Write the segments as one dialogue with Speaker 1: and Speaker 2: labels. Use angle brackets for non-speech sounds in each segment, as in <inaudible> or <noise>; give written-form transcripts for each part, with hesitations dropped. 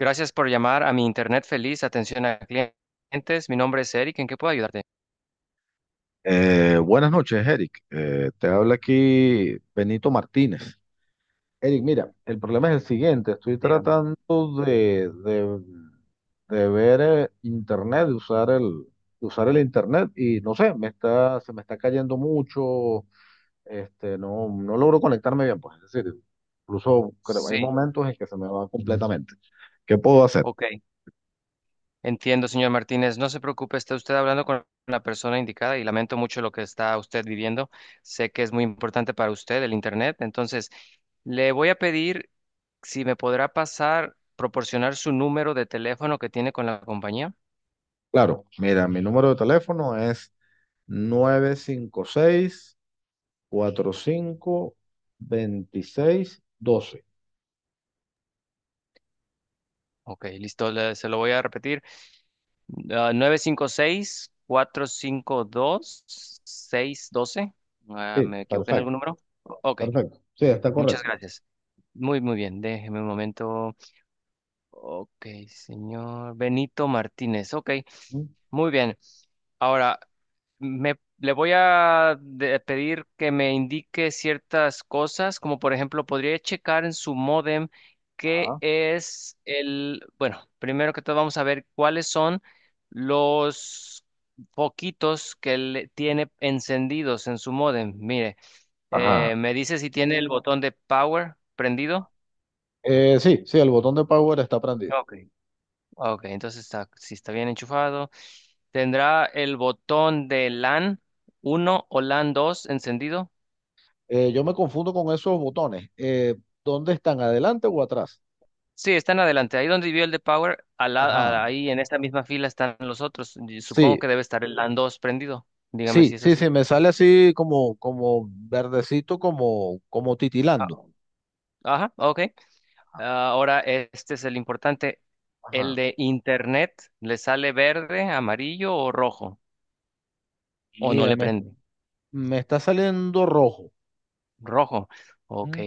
Speaker 1: Gracias por llamar a mi Internet Feliz, atención a clientes. Mi nombre es Eric, ¿en qué puedo ayudarte?
Speaker 2: Buenas noches, Eric. Te habla aquí Benito Martínez. Eric, mira, el problema es el siguiente. Estoy
Speaker 1: Dígame.
Speaker 2: tratando de, de, de ver internet, de usar el internet y no sé, se me está cayendo mucho. Este, no, no logro conectarme bien, pues. Es decir, incluso hay
Speaker 1: Sí,
Speaker 2: momentos en que se me va completamente. ¿Qué puedo hacer?
Speaker 1: ok. Entiendo, señor Martínez. No se preocupe, está usted hablando con la persona indicada y lamento mucho lo que está usted viviendo. Sé que es muy importante para usted el Internet, entonces le voy a pedir si me podrá pasar, proporcionar su número de teléfono que tiene con la compañía.
Speaker 2: Claro, mira, mi número de teléfono es 956 45 26 12
Speaker 1: Ok, listo, se lo voy a repetir. 956-452-612. Ah,
Speaker 2: Sí,
Speaker 1: ¿me equivoqué en
Speaker 2: perfecto,
Speaker 1: algún número? Ok,
Speaker 2: perfecto. Sí, está
Speaker 1: muchas
Speaker 2: correcto.
Speaker 1: gracias. Muy, muy bien, déjeme un momento. Ok, señor Benito Martínez. Ok,
Speaker 2: Mm.
Speaker 1: muy bien. Ahora, le voy a pedir que me indique ciertas cosas, como por ejemplo, podría checar en su módem qué
Speaker 2: Ajá.
Speaker 1: es el, bueno, primero que todo vamos a ver cuáles son los poquitos que le tiene encendidos en su módem. Mire,
Speaker 2: Ajá.
Speaker 1: me dice si tiene el botón de power prendido.
Speaker 2: Sí, sí, el botón de power está prendido.
Speaker 1: Ok. Ok, entonces está, si está bien enchufado. ¿Tendrá el botón de LAN 1 o LAN 2 encendido?
Speaker 2: Yo me confundo con esos botones. ¿Dónde están? ¿Adelante o atrás?
Speaker 1: Sí, están adelante. Ahí donde vio el de Power,
Speaker 2: Ajá.
Speaker 1: ahí en esta misma fila están los otros. Y supongo
Speaker 2: Sí,
Speaker 1: que debe estar el LAN 2 prendido. Dígame
Speaker 2: sí,
Speaker 1: si es
Speaker 2: sí,
Speaker 1: así.
Speaker 2: sí, me sale así como, como verdecito, como
Speaker 1: Ah,
Speaker 2: titilando.
Speaker 1: Ajá, ok. Ahora este es el importante. El
Speaker 2: Ajá.
Speaker 1: de Internet, ¿le sale verde, amarillo o rojo? ¿O no
Speaker 2: Mira,
Speaker 1: le prende?
Speaker 2: me está saliendo rojo.
Speaker 1: Rojo. Ok,
Speaker 2: Mm.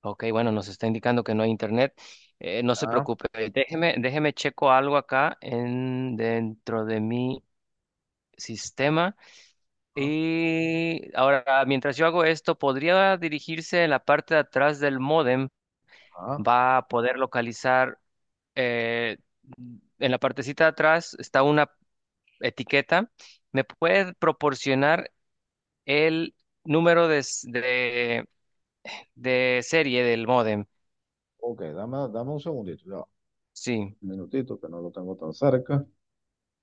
Speaker 1: ok. Bueno, nos está indicando que no hay Internet. No se
Speaker 2: Ah,
Speaker 1: preocupe. Déjeme, checo algo acá en, dentro de mi sistema.
Speaker 2: ah,
Speaker 1: Y ahora, mientras yo hago esto, podría dirigirse en la parte de atrás del módem,
Speaker 2: ah.
Speaker 1: va a poder localizar, eh, en la partecita de atrás está una etiqueta, me puede proporcionar el número de serie del módem,
Speaker 2: Ok, dame un segundito. Ya va.
Speaker 1: sí.
Speaker 2: Un minutito, que no lo tengo tan cerca.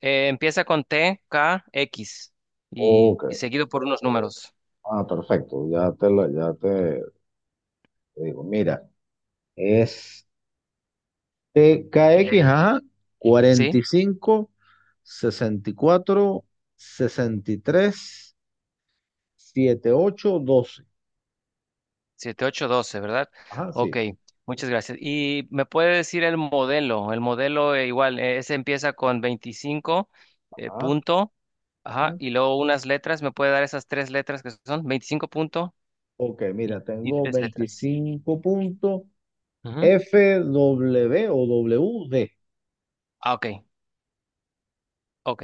Speaker 1: Empieza con T, K, X y,
Speaker 2: Ok,
Speaker 1: y seguido por unos números,
Speaker 2: ah, perfecto, ya te, la- ya te digo, mira, es TKX,
Speaker 1: ¿sí?
Speaker 2: ajá,
Speaker 1: ¿Sí?
Speaker 2: 45, 64, 63, 8 12.
Speaker 1: 7, 8 doce, ¿verdad?
Speaker 2: Ajá,
Speaker 1: Ok,
Speaker 2: sí,
Speaker 1: muchas gracias. ¿Y me puede decir el modelo? El modelo igual, ese empieza con 25
Speaker 2: ajá.
Speaker 1: punto, ajá,
Speaker 2: Mm.
Speaker 1: y luego unas letras. ¿Me puede dar esas tres letras que son? Veinticinco punto
Speaker 2: Ok,
Speaker 1: y,
Speaker 2: mira,
Speaker 1: y
Speaker 2: tengo
Speaker 1: tres letras.
Speaker 2: 25 puntos
Speaker 1: Ujú.
Speaker 2: FWoWD.
Speaker 1: Ok, ok.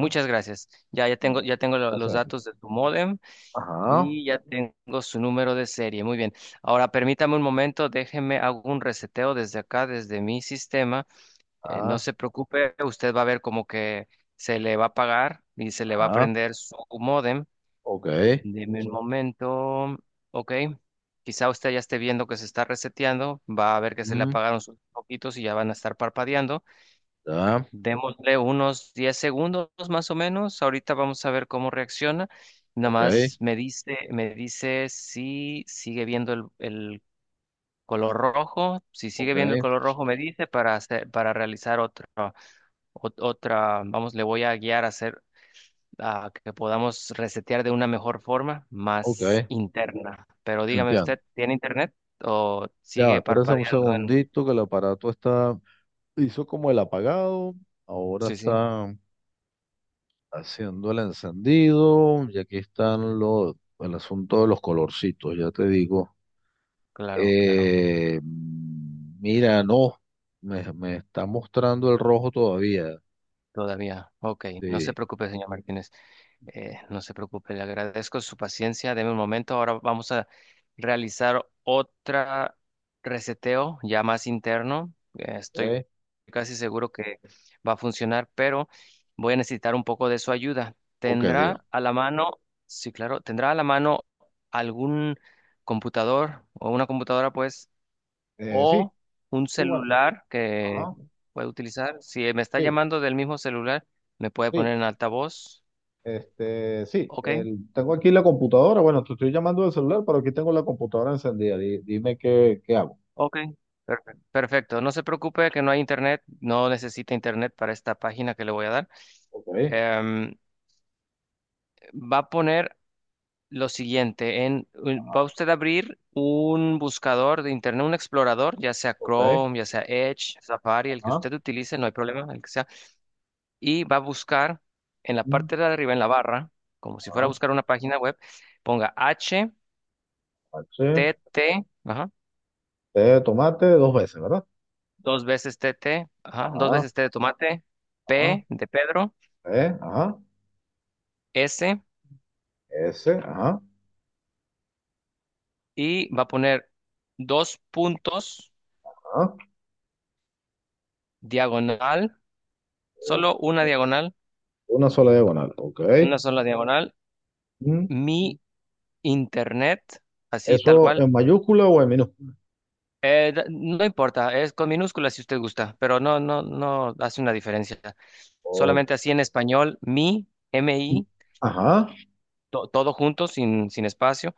Speaker 2: Ah,
Speaker 1: gracias. Ya, ya tengo,
Speaker 2: no,
Speaker 1: ya tengo lo-
Speaker 2: así
Speaker 1: los
Speaker 2: aquí.
Speaker 1: datos de tu modem
Speaker 2: Ajá,
Speaker 1: y ya tengo su número de serie. Muy bien. Ahora permítame un momento, déjeme hago un reseteo desde acá, desde mi sistema. No
Speaker 2: ah,
Speaker 1: se preocupe, usted va a ver como que se le va a pagar y se le va a
Speaker 2: ajá,
Speaker 1: prender su módem.
Speaker 2: ok.
Speaker 1: Deme un momento. Ok. Quizá usted ya esté viendo que se está reseteando. Va a ver que se le
Speaker 2: Mm,
Speaker 1: apagaron sus poquitos y ya van a estar parpadeando.
Speaker 2: ya.
Speaker 1: Démosle unos 10 segundos más o menos. Ahorita vamos a ver cómo reacciona. Nada
Speaker 2: Ok,
Speaker 1: más me dice si sigue viendo el color rojo. Si sigue
Speaker 2: ok,
Speaker 1: viendo el color rojo, me dice para hacer, para realizar otra, vamos, le voy a guiar a hacer a que podamos resetear de una mejor forma,
Speaker 2: ok,
Speaker 1: más interna. Pero dígame
Speaker 2: entiendo.
Speaker 1: usted, ¿tiene internet o
Speaker 2: Ya va,
Speaker 1: sigue
Speaker 2: espérense un
Speaker 1: parpadeando en?
Speaker 2: segundito que el aparato hizo como el apagado, ahora
Speaker 1: Sí, sí,
Speaker 2: está haciendo el encendido y aquí están el asunto de los colorcitos, ya te digo.
Speaker 1: claro, claro,
Speaker 2: Mira, no, me está mostrando el rojo todavía.
Speaker 1: todavía. Ok, no se
Speaker 2: Sí,
Speaker 1: preocupe, señor Martínez. No se preocupe, le agradezco su paciencia. Deme un momento. Ahora vamos a realizar otra reseteo ya más interno. Estoy
Speaker 2: ok,
Speaker 1: casi seguro que va a funcionar, pero voy a necesitar un poco de su ayuda.
Speaker 2: ok, diga.
Speaker 1: ¿Tendrá a la mano, sí, claro, tendrá a la mano algún computador o una computadora, pues,
Speaker 2: Sí,
Speaker 1: o un
Speaker 2: sí, bueno,
Speaker 1: celular que
Speaker 2: ajá,
Speaker 1: pueda utilizar? Si me está
Speaker 2: sí,
Speaker 1: llamando del mismo celular, me puede
Speaker 2: sí.
Speaker 1: poner en altavoz.
Speaker 2: Este, sí,
Speaker 1: Ok.
Speaker 2: tengo aquí la computadora. Bueno, te estoy llamando del celular, pero aquí tengo la computadora encendida. Dime qué, hago.
Speaker 1: Ok, perfecto. Perfecto. No se preocupe que no hay internet, no necesita internet para esta página que le voy a dar.
Speaker 2: Ok,
Speaker 1: Em, va a poner lo siguiente, va usted a abrir un buscador de internet, un explorador, ya sea
Speaker 2: ok,
Speaker 1: Chrome, ya sea Edge, Safari, el que
Speaker 2: ajá,
Speaker 1: usted utilice, no hay problema, el que sea, y va a buscar en la
Speaker 2: mm,
Speaker 1: parte de arriba, en la barra, como si fuera a
Speaker 2: ajá,
Speaker 1: buscar una página web, ponga h
Speaker 2: H,
Speaker 1: t T, ajá,
Speaker 2: T de tomate dos veces, ¿verdad?
Speaker 1: dos veces t T, ajá, dos
Speaker 2: Ajá,
Speaker 1: veces T de tomate,
Speaker 2: ajá,
Speaker 1: P de Pedro.
Speaker 2: E, ajá,
Speaker 1: S
Speaker 2: S, ajá,
Speaker 1: y va a poner dos puntos
Speaker 2: ajá.
Speaker 1: diagonal,
Speaker 2: o-
Speaker 1: solo una diagonal,
Speaker 2: Una sola diagonal, ok.
Speaker 1: una sola diagonal,
Speaker 2: Mm.
Speaker 1: mi internet, así tal
Speaker 2: ¿Eso
Speaker 1: cual.
Speaker 2: en mayúscula o en minúscula?
Speaker 1: No importa, es con minúsculas si usted gusta, pero no, no, no hace una diferencia.
Speaker 2: Ok,
Speaker 1: Solamente así en español,
Speaker 2: mm, ajá.
Speaker 1: todo junto, sin espacio,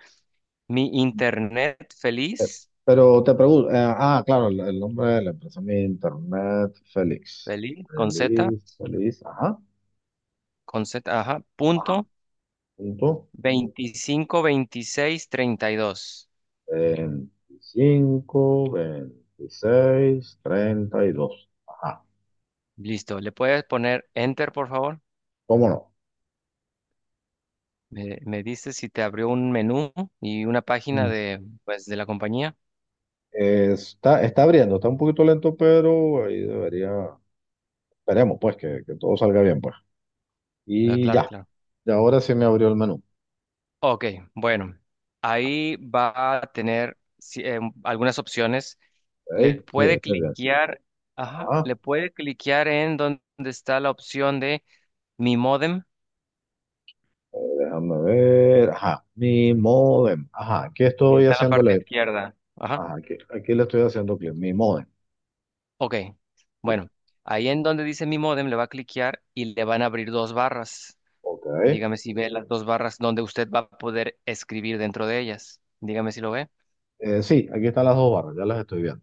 Speaker 1: mi internet
Speaker 2: Eh,
Speaker 1: feliz,
Speaker 2: Pero te pregunto, ah, claro, el nombre de la empresa, mi internet, Félix.
Speaker 1: feliz,
Speaker 2: Feliz, feliz, ajá,
Speaker 1: con Z, ajá,
Speaker 2: ajá,
Speaker 1: punto,
Speaker 2: punto.
Speaker 1: veinticinco veintiséis treinta y dos.
Speaker 2: 25, 26, 32. Ajá,
Speaker 1: Listo, ¿le puedes poner Enter, por favor?
Speaker 2: cómo no.
Speaker 1: Me dices si te abrió un menú y una página
Speaker 2: Mm.
Speaker 1: de, pues, de la compañía.
Speaker 2: Está abriendo, está un poquito lento, pero ahí debería, esperemos pues que todo salga bien pues.
Speaker 1: Ah,
Speaker 2: Y
Speaker 1: claro,
Speaker 2: ya,
Speaker 1: claro.
Speaker 2: y ahora sí me abrió el menú.
Speaker 1: Ok, bueno, ahí va a tener algunas opciones.
Speaker 2: Ok.
Speaker 1: Le
Speaker 2: Sí,
Speaker 1: puede
Speaker 2: estoy bien.
Speaker 1: cliquear, ajá, le puede cliquear en donde está la opción de Mi Modem,
Speaker 2: Déjame ver. Ajá. Mi modem. Ajá. Aquí
Speaker 1: que
Speaker 2: estoy
Speaker 1: está en la parte
Speaker 2: haciéndole.
Speaker 1: izquierda. Ajá,
Speaker 2: Ajá. Aquí le estoy haciendo clic. Mi modem.
Speaker 1: ok.
Speaker 2: Sí.
Speaker 1: Bueno, ahí en donde dice Mi Modem le va a cliquear y le van a abrir dos barras.
Speaker 2: Ok.
Speaker 1: Dígame si ve las dos barras donde usted va a poder escribir dentro de ellas. Dígame si lo ve.
Speaker 2: Sí, aquí están las dos barras. Ya las estoy viendo.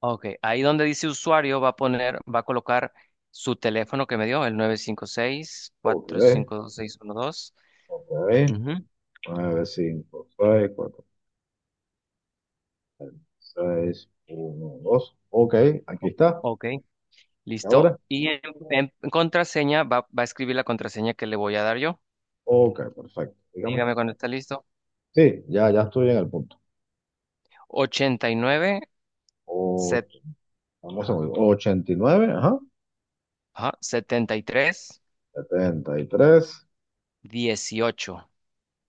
Speaker 1: Ok, ahí donde dice usuario va a colocar su teléfono que me dio, el
Speaker 2: Ok.
Speaker 1: 956-452-612.
Speaker 2: Ok.
Speaker 1: Ujú,
Speaker 2: 9 5 6 4 6 1 2. Ok. Aquí está.
Speaker 1: ok,
Speaker 2: ¿Y
Speaker 1: listo.
Speaker 2: ahora?
Speaker 1: Y en contraseña va a escribir la contraseña que le voy a dar yo.
Speaker 2: Ok. Perfecto. Dígame.
Speaker 1: Dígame cuando está listo.
Speaker 2: Sí. Ya estoy en el punto.
Speaker 1: 89, set-
Speaker 2: Ocho- vamos a
Speaker 1: ajá,
Speaker 2: ver, 89. Ajá.
Speaker 1: ajá, 73,
Speaker 2: 73.
Speaker 1: 18.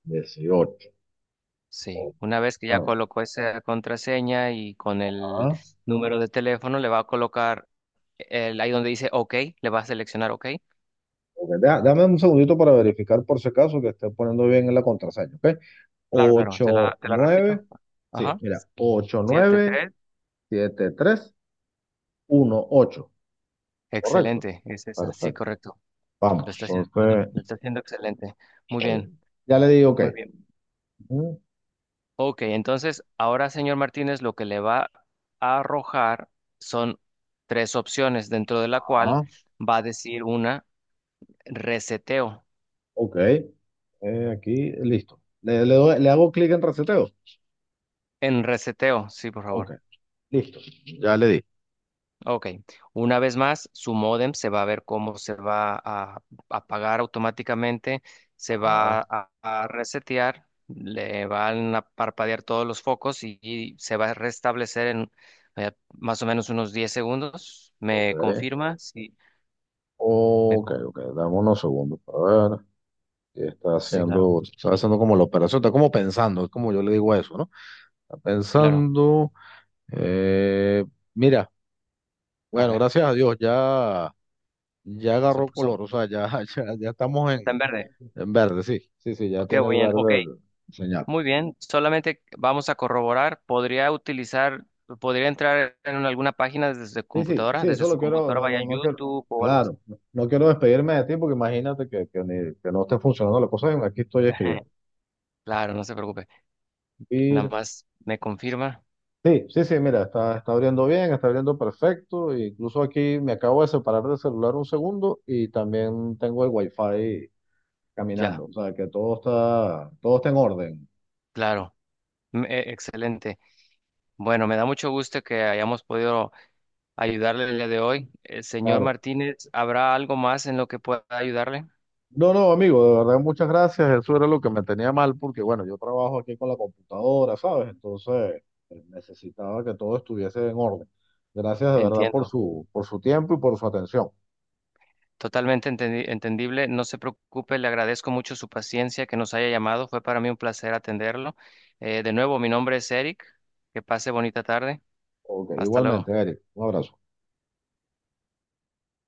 Speaker 2: 18.
Speaker 1: Sí, una vez que ya colocó esa contraseña y con el
Speaker 2: Ajá.
Speaker 1: número de teléfono le va a colocar ahí donde dice OK, le va a seleccionar OK.
Speaker 2: Ok, dame un segundito para verificar por si acaso que esté poniendo bien la contraseña, ¿ok?
Speaker 1: Claro, claro, te
Speaker 2: ocho
Speaker 1: la, te la repito.
Speaker 2: nueve Sí,
Speaker 1: Ajá,
Speaker 2: mira, ocho
Speaker 1: Siete
Speaker 2: nueve
Speaker 1: tres.
Speaker 2: siete tres uno ocho Correcto.
Speaker 1: Excelente, es esa, sí,
Speaker 2: Perfecto,
Speaker 1: correcto. Lo
Speaker 2: vamos,
Speaker 1: está haciendo, lo
Speaker 2: entonces,
Speaker 1: está haciendo excelente. Muy
Speaker 2: está
Speaker 1: bien,
Speaker 2: bien. Ya le di ok.
Speaker 1: muy bien.
Speaker 2: Ujú,
Speaker 1: Ok, entonces ahora, señor Martínez, lo que le va a arrojar son tres opciones, dentro de la cual
Speaker 2: ah,
Speaker 1: va a decir una reseteo.
Speaker 2: ok, aquí, listo. Le hago clic en reseteo.
Speaker 1: En reseteo, sí, por
Speaker 2: Ok,
Speaker 1: favor.
Speaker 2: listo, ya le di.
Speaker 1: Ok, una vez más, su módem se va a ver cómo se va a apagar automáticamente, se
Speaker 2: Ah,
Speaker 1: va a, a resetear, le van a parpadear todos los focos y se va a restablecer en más o menos unos 10 segundos.
Speaker 2: ok,
Speaker 1: ¿Me confirma? Sí, me
Speaker 2: ok,
Speaker 1: co-
Speaker 2: ok, dame unos segundos, a ver. Que está
Speaker 1: sí, claro,
Speaker 2: haciendo, como la operación, está como pensando, es como yo le digo a eso, ¿no? Está
Speaker 1: sí, claro.
Speaker 2: pensando, eh, mira,
Speaker 1: A
Speaker 2: bueno,
Speaker 1: ver,
Speaker 2: gracias a Dios, ya, ya
Speaker 1: se
Speaker 2: agarró
Speaker 1: puso,
Speaker 2: color, o sea, ya, <laughs> ya, ya estamos
Speaker 1: está en
Speaker 2: en,
Speaker 1: verde.
Speaker 2: en verde, sí, sí, sí, ya tiene el
Speaker 1: Ok.
Speaker 2: verde el señal.
Speaker 1: Muy bien, solamente vamos a corroborar. Podría entrar en alguna página desde
Speaker 2: Sí, sí,
Speaker 1: computadora?
Speaker 2: sí,
Speaker 1: Desde
Speaker 2: eso
Speaker 1: su
Speaker 2: lo quiero,
Speaker 1: computadora,
Speaker 2: no,
Speaker 1: vaya a
Speaker 2: no, no quiero,
Speaker 1: YouTube o algo así.
Speaker 2: claro, no no quiero despedirme de ti porque imagínate que no esté funcionando la cosa, aquí estoy
Speaker 1: <laughs>
Speaker 2: escribiendo.
Speaker 1: Claro, no se preocupe. Nada más me confirma.
Speaker 2: Sí, sí, sí, mira, está abriendo bien, está abriendo perfecto. E incluso aquí me acabo de separar del celular un segundo y también tengo el wifi
Speaker 1: Ya,
Speaker 2: caminando. O sea, que todo está en orden.
Speaker 1: claro. Excelente. Bueno, me da mucho gusto que hayamos podido ayudarle el día de hoy. Señor
Speaker 2: Claro.
Speaker 1: Martínez, ¿habrá algo más en lo que pueda ayudarle?
Speaker 2: No, no, amigo, de verdad, muchas gracias. Eso era lo que me tenía mal porque, bueno, yo trabajo aquí con la computadora, ¿sabes? Entonces, necesitaba que todo estuviese en orden. Gracias de verdad por
Speaker 1: Entiendo.
Speaker 2: su tiempo y por su atención.
Speaker 1: Totalmente entendible. No se preocupe, le agradezco mucho su paciencia que nos haya llamado. Fue para mí un placer atenderlo. De nuevo, mi nombre es Eric. Que pase bonita tarde.
Speaker 2: Ok,
Speaker 1: Hasta
Speaker 2: igualmente,
Speaker 1: luego.
Speaker 2: Eric. Un abrazo.